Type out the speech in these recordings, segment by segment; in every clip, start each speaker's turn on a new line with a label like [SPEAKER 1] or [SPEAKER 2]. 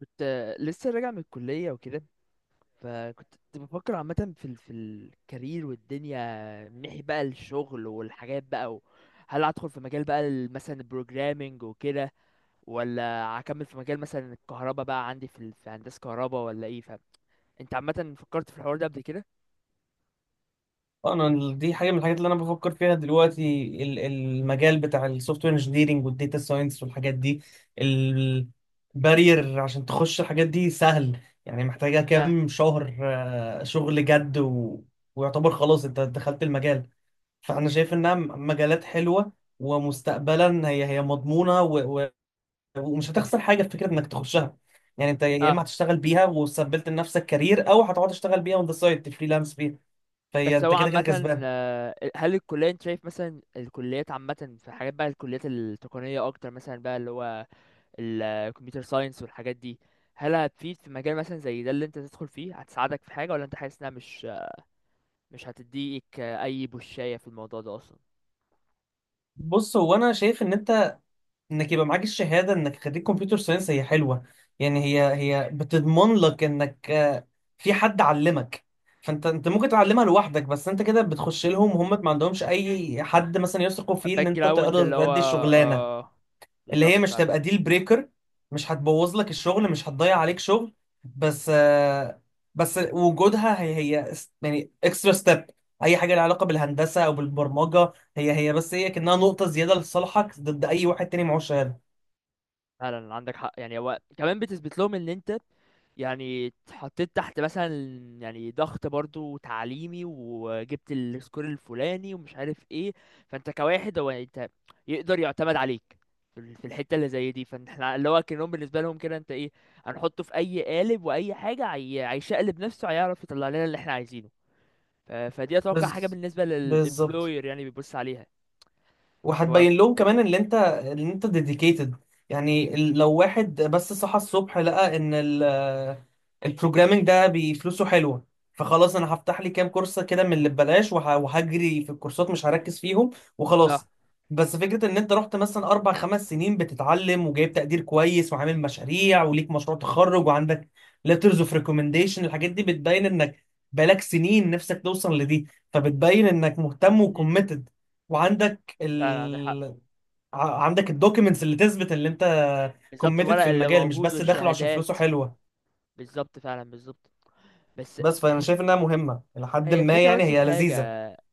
[SPEAKER 1] كنت لسه راجع من الكلية وكده. فكنت بفكر عامة في الكارير والدنيا من ناحية بقى الشغل والحاجات. هل هدخل في مجال بقى مثلا البروجرامينج وكده، ولا هكمل في مجال مثلا الكهرباء بقى عندي في هندسة كهرباء ولا ايه، فاهم؟ انت عامة فكرت في الحوار ده قبل كده؟
[SPEAKER 2] انا دي حاجه من الحاجات اللي انا بفكر فيها دلوقتي المجال بتاع السوفت وير انجينيرنج والداتا ساينس والحاجات دي. البارير عشان تخش الحاجات دي سهل، يعني محتاجه
[SPEAKER 1] اه،
[SPEAKER 2] كام شهر شغل جد ويعتبر خلاص انت دخلت المجال. فانا شايف انها مجالات حلوه، ومستقبلا هي مضمونه، ومش هتخسر حاجه في فكره انك تخشها. يعني انت يا
[SPEAKER 1] اه.
[SPEAKER 2] اما هتشتغل بيها وثبت لنفسك كارير او هتقعد تشتغل بيها اون ذا سايد تفريلانس بيها. فهي
[SPEAKER 1] بس
[SPEAKER 2] انت
[SPEAKER 1] هو
[SPEAKER 2] كده كده
[SPEAKER 1] عامة،
[SPEAKER 2] كسبان.
[SPEAKER 1] هل الكلية انت شايف مثلا الكليات عامة في حاجات بقى الكليات التقنية أكتر مثلا بقى اللي هو الكمبيوتر ساينس والحاجات دي، هل هتفيد في مجال مثلا زي ده اللي انت تدخل فيه؟ هتساعدك في حاجة ولا انت حاسس انها مش هتديك اي بوشاية في الموضوع ده اصلا؟
[SPEAKER 2] بص، هو انا شايف ان انك يبقى معاك الشهاده انك خريج كمبيوتر ساينس هي حلوه. يعني هي بتضمن لك انك في حد علمك. فانت ممكن تعلمها لوحدك، بس انت كده بتخش لهم وهم ما عندهمش اي حد مثلا يثقوا فيه ان
[SPEAKER 1] باك
[SPEAKER 2] انت
[SPEAKER 1] جراوند
[SPEAKER 2] تقدر
[SPEAKER 1] اللي هو
[SPEAKER 2] تأدي الشغلانه،
[SPEAKER 1] آه،
[SPEAKER 2] اللي هي
[SPEAKER 1] بالظبط
[SPEAKER 2] مش
[SPEAKER 1] فعلا.
[SPEAKER 2] تبقى ديل بريكر، مش هتبوظ لك الشغل، مش هتضيع عليك شغل. بس آه، بس وجودها يعني اكسترا ستيب. اي حاجه لها علاقه بالهندسه او بالبرمجه هي كانها نقطه زياده لصالحك ضد اي واحد تاني معهوش شهاده.
[SPEAKER 1] فعلا عندك حق، يعني هو كمان بتثبت لهم ان انت يعني اتحطيت تحت مثلا، يعني ضغط برضو تعليمي وجبت السكور الفلاني ومش عارف ايه. فانت كواحد هو انت يقدر يعتمد عليك في الحته اللي زي دي. فاحنا اللي هو كأنهم بالنسبه لهم كده انت ايه، هنحطه في اي قالب واي حاجه، هيشقلب نفسه هيعرف يطلع لنا اللي احنا عايزينه. فدي اتوقع حاجه
[SPEAKER 2] بز...
[SPEAKER 1] بالنسبه
[SPEAKER 2] بالظبط.
[SPEAKER 1] للامبلوير يعني بيبص عليها. هو ف...
[SPEAKER 2] وهتبين لهم كمان ان انت ديديكيتد. يعني لو واحد بس صحى الصبح لقى ان البروجرامينج ده بفلوسه حلوه، فخلاص انا هفتح لي كام كورس كده من اللي ببلاش وهجري في الكورسات مش هركز فيهم
[SPEAKER 1] اه.
[SPEAKER 2] وخلاص. بس فكره ان انت رحت مثلا اربع خمس سنين بتتعلم وجايب تقدير كويس وعامل مشاريع وليك مشروع تخرج وعندك letters of recommendation. الحاجات دي بتبين انك بقالك سنين نفسك توصل لدي، فبتبين انك مهتم
[SPEAKER 1] مم.
[SPEAKER 2] وكوميتد وعندك
[SPEAKER 1] فعلا عندك حق.
[SPEAKER 2] ال... عندك الدوكيومنتس اللي تثبت اللي انت
[SPEAKER 1] بالظبط،
[SPEAKER 2] كوميتد
[SPEAKER 1] الورق
[SPEAKER 2] في
[SPEAKER 1] اللي
[SPEAKER 2] المجال، مش
[SPEAKER 1] موجود
[SPEAKER 2] بس داخله عشان فلوسه
[SPEAKER 1] والشهادات.
[SPEAKER 2] حلوه.
[SPEAKER 1] بالظبط فعلا، بالظبط. بس
[SPEAKER 2] بس فانا
[SPEAKER 1] هي
[SPEAKER 2] شايف انها مهمه الى حد
[SPEAKER 1] هي
[SPEAKER 2] ما،
[SPEAKER 1] الفكرة،
[SPEAKER 2] يعني
[SPEAKER 1] بس في
[SPEAKER 2] هي
[SPEAKER 1] حاجة
[SPEAKER 2] لذيذه.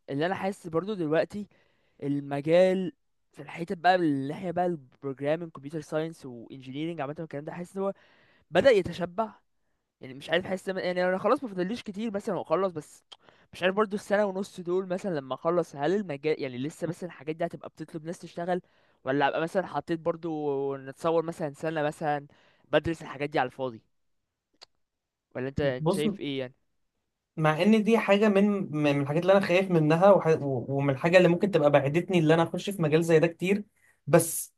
[SPEAKER 1] اللي انا حاسس برضو دلوقتي، المجال في الحتة بقى من الناحية بقى البروجرامينج كمبيوتر ساينس وانجينيرنج عامة والكلام ده، حاسس ان هو بدأ يتشبع. يعني مش عارف، حاسس يعني انا خلاص ما فاضليش كتير مثلا واخلص، بس مش عارف برضو السنة ونص دول مثلا لما اخلص هل المجال يعني لسه مثلا الحاجات دي هتبقى بتطلب ناس تشتغل، ولا ابقى مثلا حطيت برضو نتصور مثلا سنة مثلا بدرس الحاجات دي على الفاضي؟ ولا انت
[SPEAKER 2] بص،
[SPEAKER 1] شايف ايه يعني؟
[SPEAKER 2] مع ان دي حاجه من من الحاجات اللي انا خايف منها، ومن الحاجه اللي ممكن تبقى بعدتني اللي انا اخش في مجال زي ده كتير. بس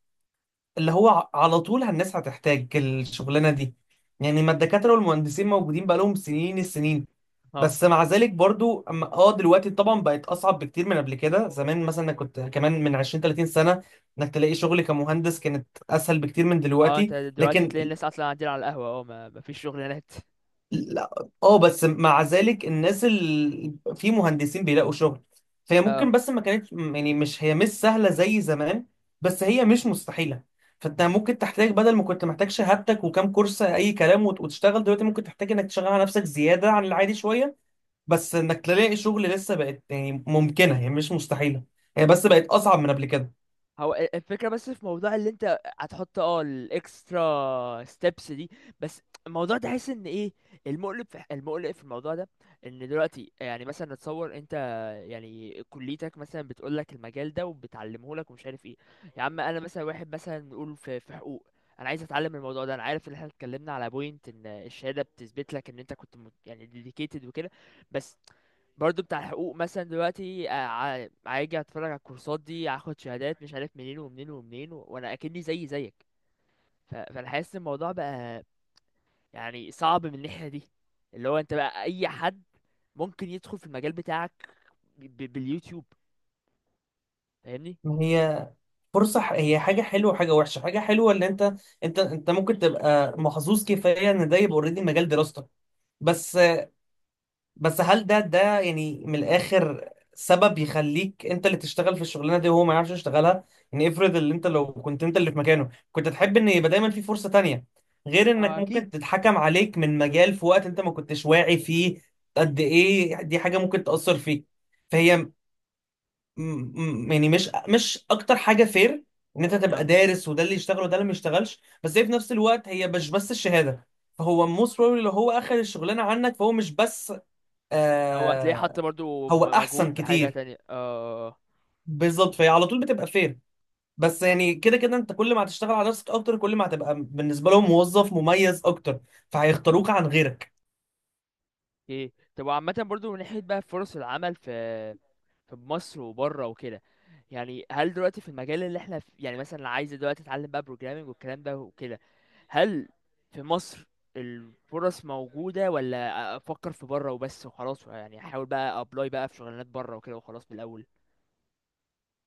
[SPEAKER 2] اللي هو على طول الناس هتحتاج الشغلانه دي. يعني ما الدكاتره والمهندسين موجودين بقالهم سنين السنين.
[SPEAKER 1] اه.
[SPEAKER 2] بس مع ذلك برضو، دلوقتي طبعا بقت اصعب بكتير من قبل كده. زمان مثلا أنا كنت كمان من 20 30 سنه انك تلاقي شغل كمهندس كانت اسهل بكتير من
[SPEAKER 1] اه، انت
[SPEAKER 2] دلوقتي.
[SPEAKER 1] دلوقتي
[SPEAKER 2] لكن
[SPEAKER 1] تلاقي الناس اصلا قاعدين على القهوة، اه، ما مفيش شغلانات.
[SPEAKER 2] لا، اه، بس مع ذلك الناس اللي في مهندسين بيلاقوا شغل. فهي
[SPEAKER 1] اه.
[SPEAKER 2] ممكن، بس ما كانتش يعني، مش هي مش سهلة زي زمان، بس هي مش مستحيلة. فانت ممكن تحتاج، بدل ما كنت محتاج شهادتك وكام كورس اي كلام وتشتغل، دلوقتي ممكن تحتاج انك تشغل على نفسك زيادة عن العادي شوية. بس انك تلاقي شغل لسه بقت يعني ممكنة، هي مش مستحيلة، هي بس بقت اصعب من قبل كده.
[SPEAKER 1] هو الفكرة بس في موضوع اللي انت هتحط اه الاكسترا ستيبس دي، بس الموضوع ده حاسس ان ايه، المقلب في المقلق في الموضوع ده، ان دلوقتي يعني مثلا نتصور انت يعني كليتك مثلا بتقول لك المجال ده وبتعلمه لك ومش عارف ايه. يا عم انا مثلا واحد مثلا نقول في حقوق، انا عايز اتعلم الموضوع ده، انا عارف ان احنا اتكلمنا على بوينت ان الشهاده بتثبت لك ان انت كنت يعني ديديكيتد وكده. بس برضو بتاع الحقوق مثلا دلوقتي هاجي اتفرج على الكورسات دي، هاخد شهادات مش عارف منين ومنين ومنين وانا اكني زي زيك. فانا حاسس إن الموضوع بقى يعني صعب من الناحية دي، اللي هو انت بقى اي حد ممكن يدخل في المجال بتاعك باليوتيوب، فاهمني؟
[SPEAKER 2] ما هي فرصة، هي حاجة حلوة وحاجة وحشة. حاجة حلوة اللي انت ممكن تبقى محظوظ كفاية ان ده يبقى اوريدي مجال دراستك. بس بس هل ده يعني من الاخر سبب يخليك انت اللي تشتغل في الشغلانه دي وهو ما يعرفش يشتغلها؟ يعني افرض اللي انت، لو كنت انت اللي في مكانه، كنت تحب ان يبقى دايما في فرصه تانية، غير انك
[SPEAKER 1] آه، اكيد.
[SPEAKER 2] ممكن تتحكم عليك من مجال في وقت انت ما كنتش واعي فيه. قد ايه دي حاجه ممكن تاثر فيك. فهي م- يعني مش مش اكتر حاجه فير ان انت تبقى
[SPEAKER 1] اه،
[SPEAKER 2] دارس وده اللي يشتغل وده اللي ما يشتغلش. بس هي في نفس الوقت هي مش بس الشهاده. فهو موست بروبلي لو هو اخذ الشغلانه عنك فهو مش بس
[SPEAKER 1] هو هتلاقيه حط
[SPEAKER 2] آه
[SPEAKER 1] برضو
[SPEAKER 2] هو
[SPEAKER 1] مجهود
[SPEAKER 2] احسن
[SPEAKER 1] في حاجة
[SPEAKER 2] كتير.
[SPEAKER 1] تانية، اه.
[SPEAKER 2] بالظبط، فهي على طول بتبقى فير. بس يعني كده كده انت كل ما هتشتغل على نفسك اكتر كل ما هتبقى بالنسبه لهم موظف مميز اكتر، فهيختاروك عن غيرك.
[SPEAKER 1] ايه طب، وعامة برضو من ناحية بقى فرص العمل في مصر وبره وكده، يعني هل دلوقتي في المجال اللي احنا في، يعني مثلا اللي عايز دلوقتي اتعلم بقى بروجرامنج والكلام ده وكده، هل في مصر الفرص موجودة، ولا افكر في بره وبس وخلاص يعني احاول بقى ابلاي بقى في شغلانات بره وكده وخلاص من الاول؟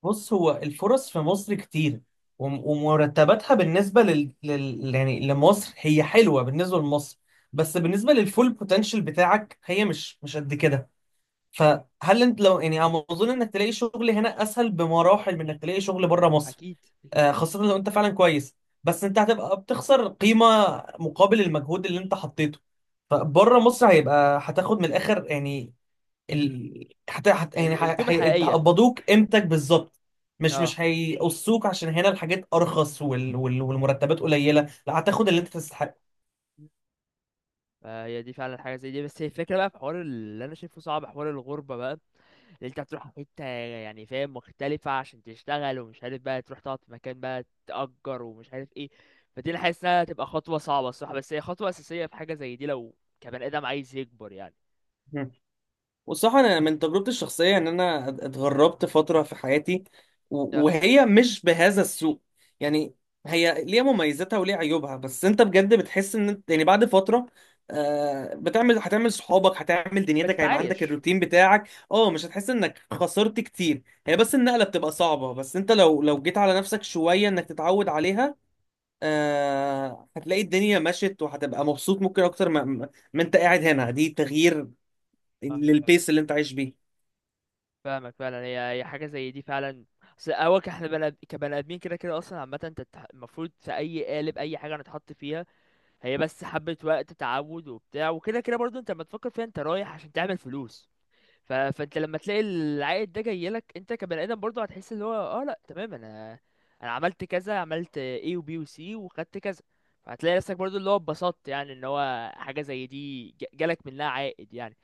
[SPEAKER 2] بص، هو الفرص في مصر كتير، ومرتباتها بالنسبه يعني لمصر هي حلوه بالنسبه لمصر. بس بالنسبه للفول بوتنشال بتاعك هي مش قد كده. فهل انت لو، يعني أنا اظن انك تلاقي شغل هنا اسهل بمراحل من انك تلاقي شغل بره مصر.
[SPEAKER 1] اكيد، اكيد.
[SPEAKER 2] خاصة لو انت فعلا كويس. بس انت هتبقى بتخسر قيمة مقابل المجهود اللي انت حطيته. فبره مصر هيبقى، هتاخد من الاخر يعني ال... هت... هت... يعني ه-
[SPEAKER 1] القيمة
[SPEAKER 2] هي...
[SPEAKER 1] الحقيقية.
[SPEAKER 2] هيقبضوك قيمتك بالظبط. مش
[SPEAKER 1] اه.
[SPEAKER 2] مش هيقصوك عشان هنا الحاجات ارخص والمرتبات قليلة. لا، هتاخد اللي انت تستحقه.
[SPEAKER 1] فهي دي فعلا حاجه زي دي، بس هي الفكره بقى في حوار اللي انا شايفه صعب، حوار الغربه بقى، اللي انت هتروح حته يعني، فاهم، مختلفه عشان تشتغل ومش عارف بقى تروح تقعد في مكان بقى تأجر ومش عارف ايه. فدي انا حاسس انها هتبقى خطوه صعبه الصراحه، بس هي خطوه اساسيه في حاجه زي دي لو كبني ادم عايز يكبر يعني.
[SPEAKER 2] والصراحة أنا من تجربتي الشخصية، إن أنا اتغربت فترة في حياتي،
[SPEAKER 1] اه.
[SPEAKER 2] وهي مش بهذا السوء. يعني هي ليها مميزاتها وليها عيوبها، بس أنت بجد بتحس إن أنت يعني بعد فترة، بتعمل، هتعمل صحابك، هتعمل دنيتك، هيبقى عندك
[SPEAKER 1] بتتعايش.
[SPEAKER 2] الروتين بتاعك. اه، مش هتحس إنك خسرت كتير. هي بس النقلة بتبقى صعبة، بس أنت لو جيت على نفسك شوية إنك تتعود عليها، هتلاقي الدنيا مشت وهتبقى مبسوط ممكن أكتر ما أنت قاعد هنا. دي تغيير
[SPEAKER 1] اه،
[SPEAKER 2] للبيس اللي أنت عايش بيه.
[SPEAKER 1] فاهمك فعلا، هي حاجه زي دي فعلا. بس هو احنا بني كبني ادمين كده كده اصلا عامه، انت المفروض في اي قالب اي حاجه هنتحط فيها هي بس حبة وقت تعود وبتاع وكده كده. برضو انت لما تفكر فيها انت رايح عشان تعمل فلوس، فانت لما تلاقي العائد ده جاي لك انت كبني ادم برضو هتحس اللي هو، اه لا تمام، انا عملت كذا، عملت A و B و C وخدت كذا. فهتلاقي نفسك برضو اللي هو اتبسطت، يعني ان هو حاجة زي دي جالك منها عائد يعني.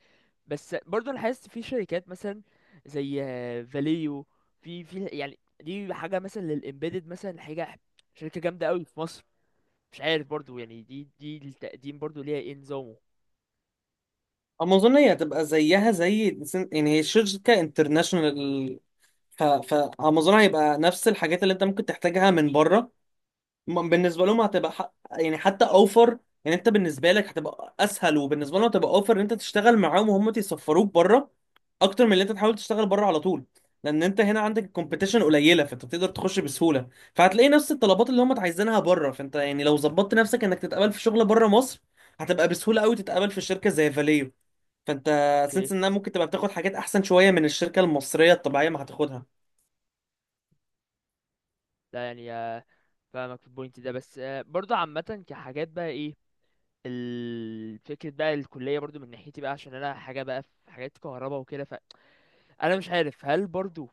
[SPEAKER 1] بس برضو انا حاسس في شركات مثلا زي فاليو، في يعني دي حاجة مثلا للإمبيدد، مثلا حاجة شركة جامدة قوي في مصر. مش عارف برضو يعني دي التقديم برضو ليها ايه نظامه.
[SPEAKER 2] امازون هي هتبقى زيها زي، يعني هي شركه انترناشونال. فامازون هيبقى نفس الحاجات اللي انت ممكن تحتاجها من بره. بالنسبه لهم هتبقى يعني حتى اوفر. يعني انت بالنسبه لك هتبقى اسهل، وبالنسبه لهم هتبقى اوفر ان انت تشتغل معاهم وهم يسفروك بره، اكتر من اللي انت تحاول تشتغل بره على طول. لان انت هنا عندك الكومبيتيشن قليله فانت بتقدر تخش بسهوله. فهتلاقي نفس الطلبات اللي هم عايزينها بره. فانت يعني لو ظبطت نفسك انك تتقبل في شغل بره مصر، هتبقى بسهوله قوي تتقبل في شركه زي فاليو. فانت
[SPEAKER 1] اوكي.
[SPEAKER 2] سنس انها ممكن تبقى بتاخد حاجات احسن شويه من الشركه المصريه الطبيعيه ما هتاخدها.
[SPEAKER 1] لا يعني آه، فاهمك في البوينت ده، بس آه، برضو عامة كحاجات بقى ايه، فكرة بقى الكلية برضو من ناحيتي بقى عشان انا حاجة بقى في حاجات كهرباء وكده، فانا مش عارف هل برضو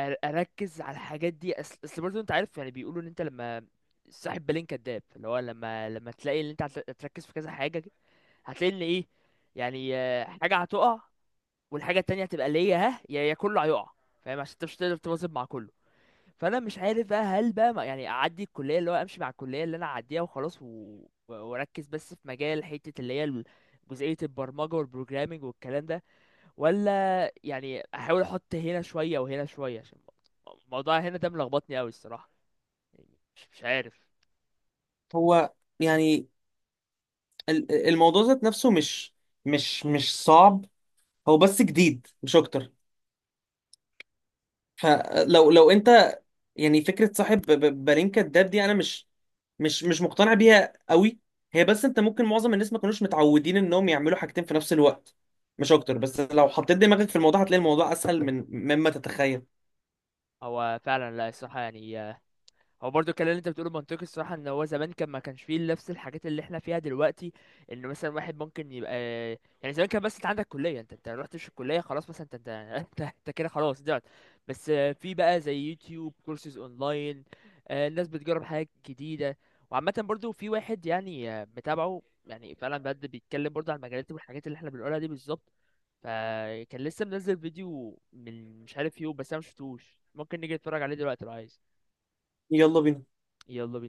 [SPEAKER 1] اركز على الحاجات دي. اصل برضو انت عارف، يعني بيقولوا ان انت لما، صاحب بالين كداب، اللي هو لما تلاقي ان انت هتركز في كذا حاجة هتلاقي ان ايه، يعني آه، حاجة هتقع والحاجه التانية هتبقى ليا ها، يا كله هيقع. فاهم، عشان انت مش هتقدر تواظب مع كله. فانا مش عارف بقى هل بقى يعني اعدي الكليه اللي هو امشي مع الكليه اللي انا اعديها وخلاص و واركز بس في مجال حته اللي هي جزئيه البرمجه والبروجرامينج والكلام ده، ولا يعني احاول احط هنا شويه وهنا شويه، عشان الموضوع هنا ده ملخبطني قوي الصراحه، يعني مش عارف.
[SPEAKER 2] هو يعني الموضوع ذات نفسه مش، مش صعب، هو بس جديد مش اكتر. فلو انت، يعني فكره صاحب بالين كداب دي، انا مش مقتنع بيها قوي. هي بس انت ممكن، معظم الناس ما كانوش متعودين انهم يعملوا حاجتين في نفس الوقت مش اكتر. بس لو حطيت دماغك في الموضوع هتلاقي الموضوع اسهل من مما تتخيل.
[SPEAKER 1] هو فعلا، لا، الصراحه يعني هو برضو الكلام اللي انت بتقوله منطقي الصراحه، ان هو زمان كان ما كانش فيه نفس الحاجات اللي احنا فيها دلوقتي، انه مثلا واحد ممكن يبقى، يعني زمان كان بس انت عندك كليه، انت رحتش الكليه خلاص مثلا انت انت كده خلاص ضعت. بس آه، في بقى زي يوتيوب كورسز اونلاين، آه، الناس بتجرب حاجات جديده. وعامه برضو في واحد يعني آه، متابعه، يعني فعلا بجد بيتكلم برضو عن المجالات والحاجات اللي احنا بنقولها دي بالظبط. فكان لسه منزل فيديو من مش عارف يوم، بس انا مشفتوش. ممكن نيجي نتفرج عليه دلوقتي لو عايز.
[SPEAKER 2] يلا بينا.
[SPEAKER 1] يلا بينا.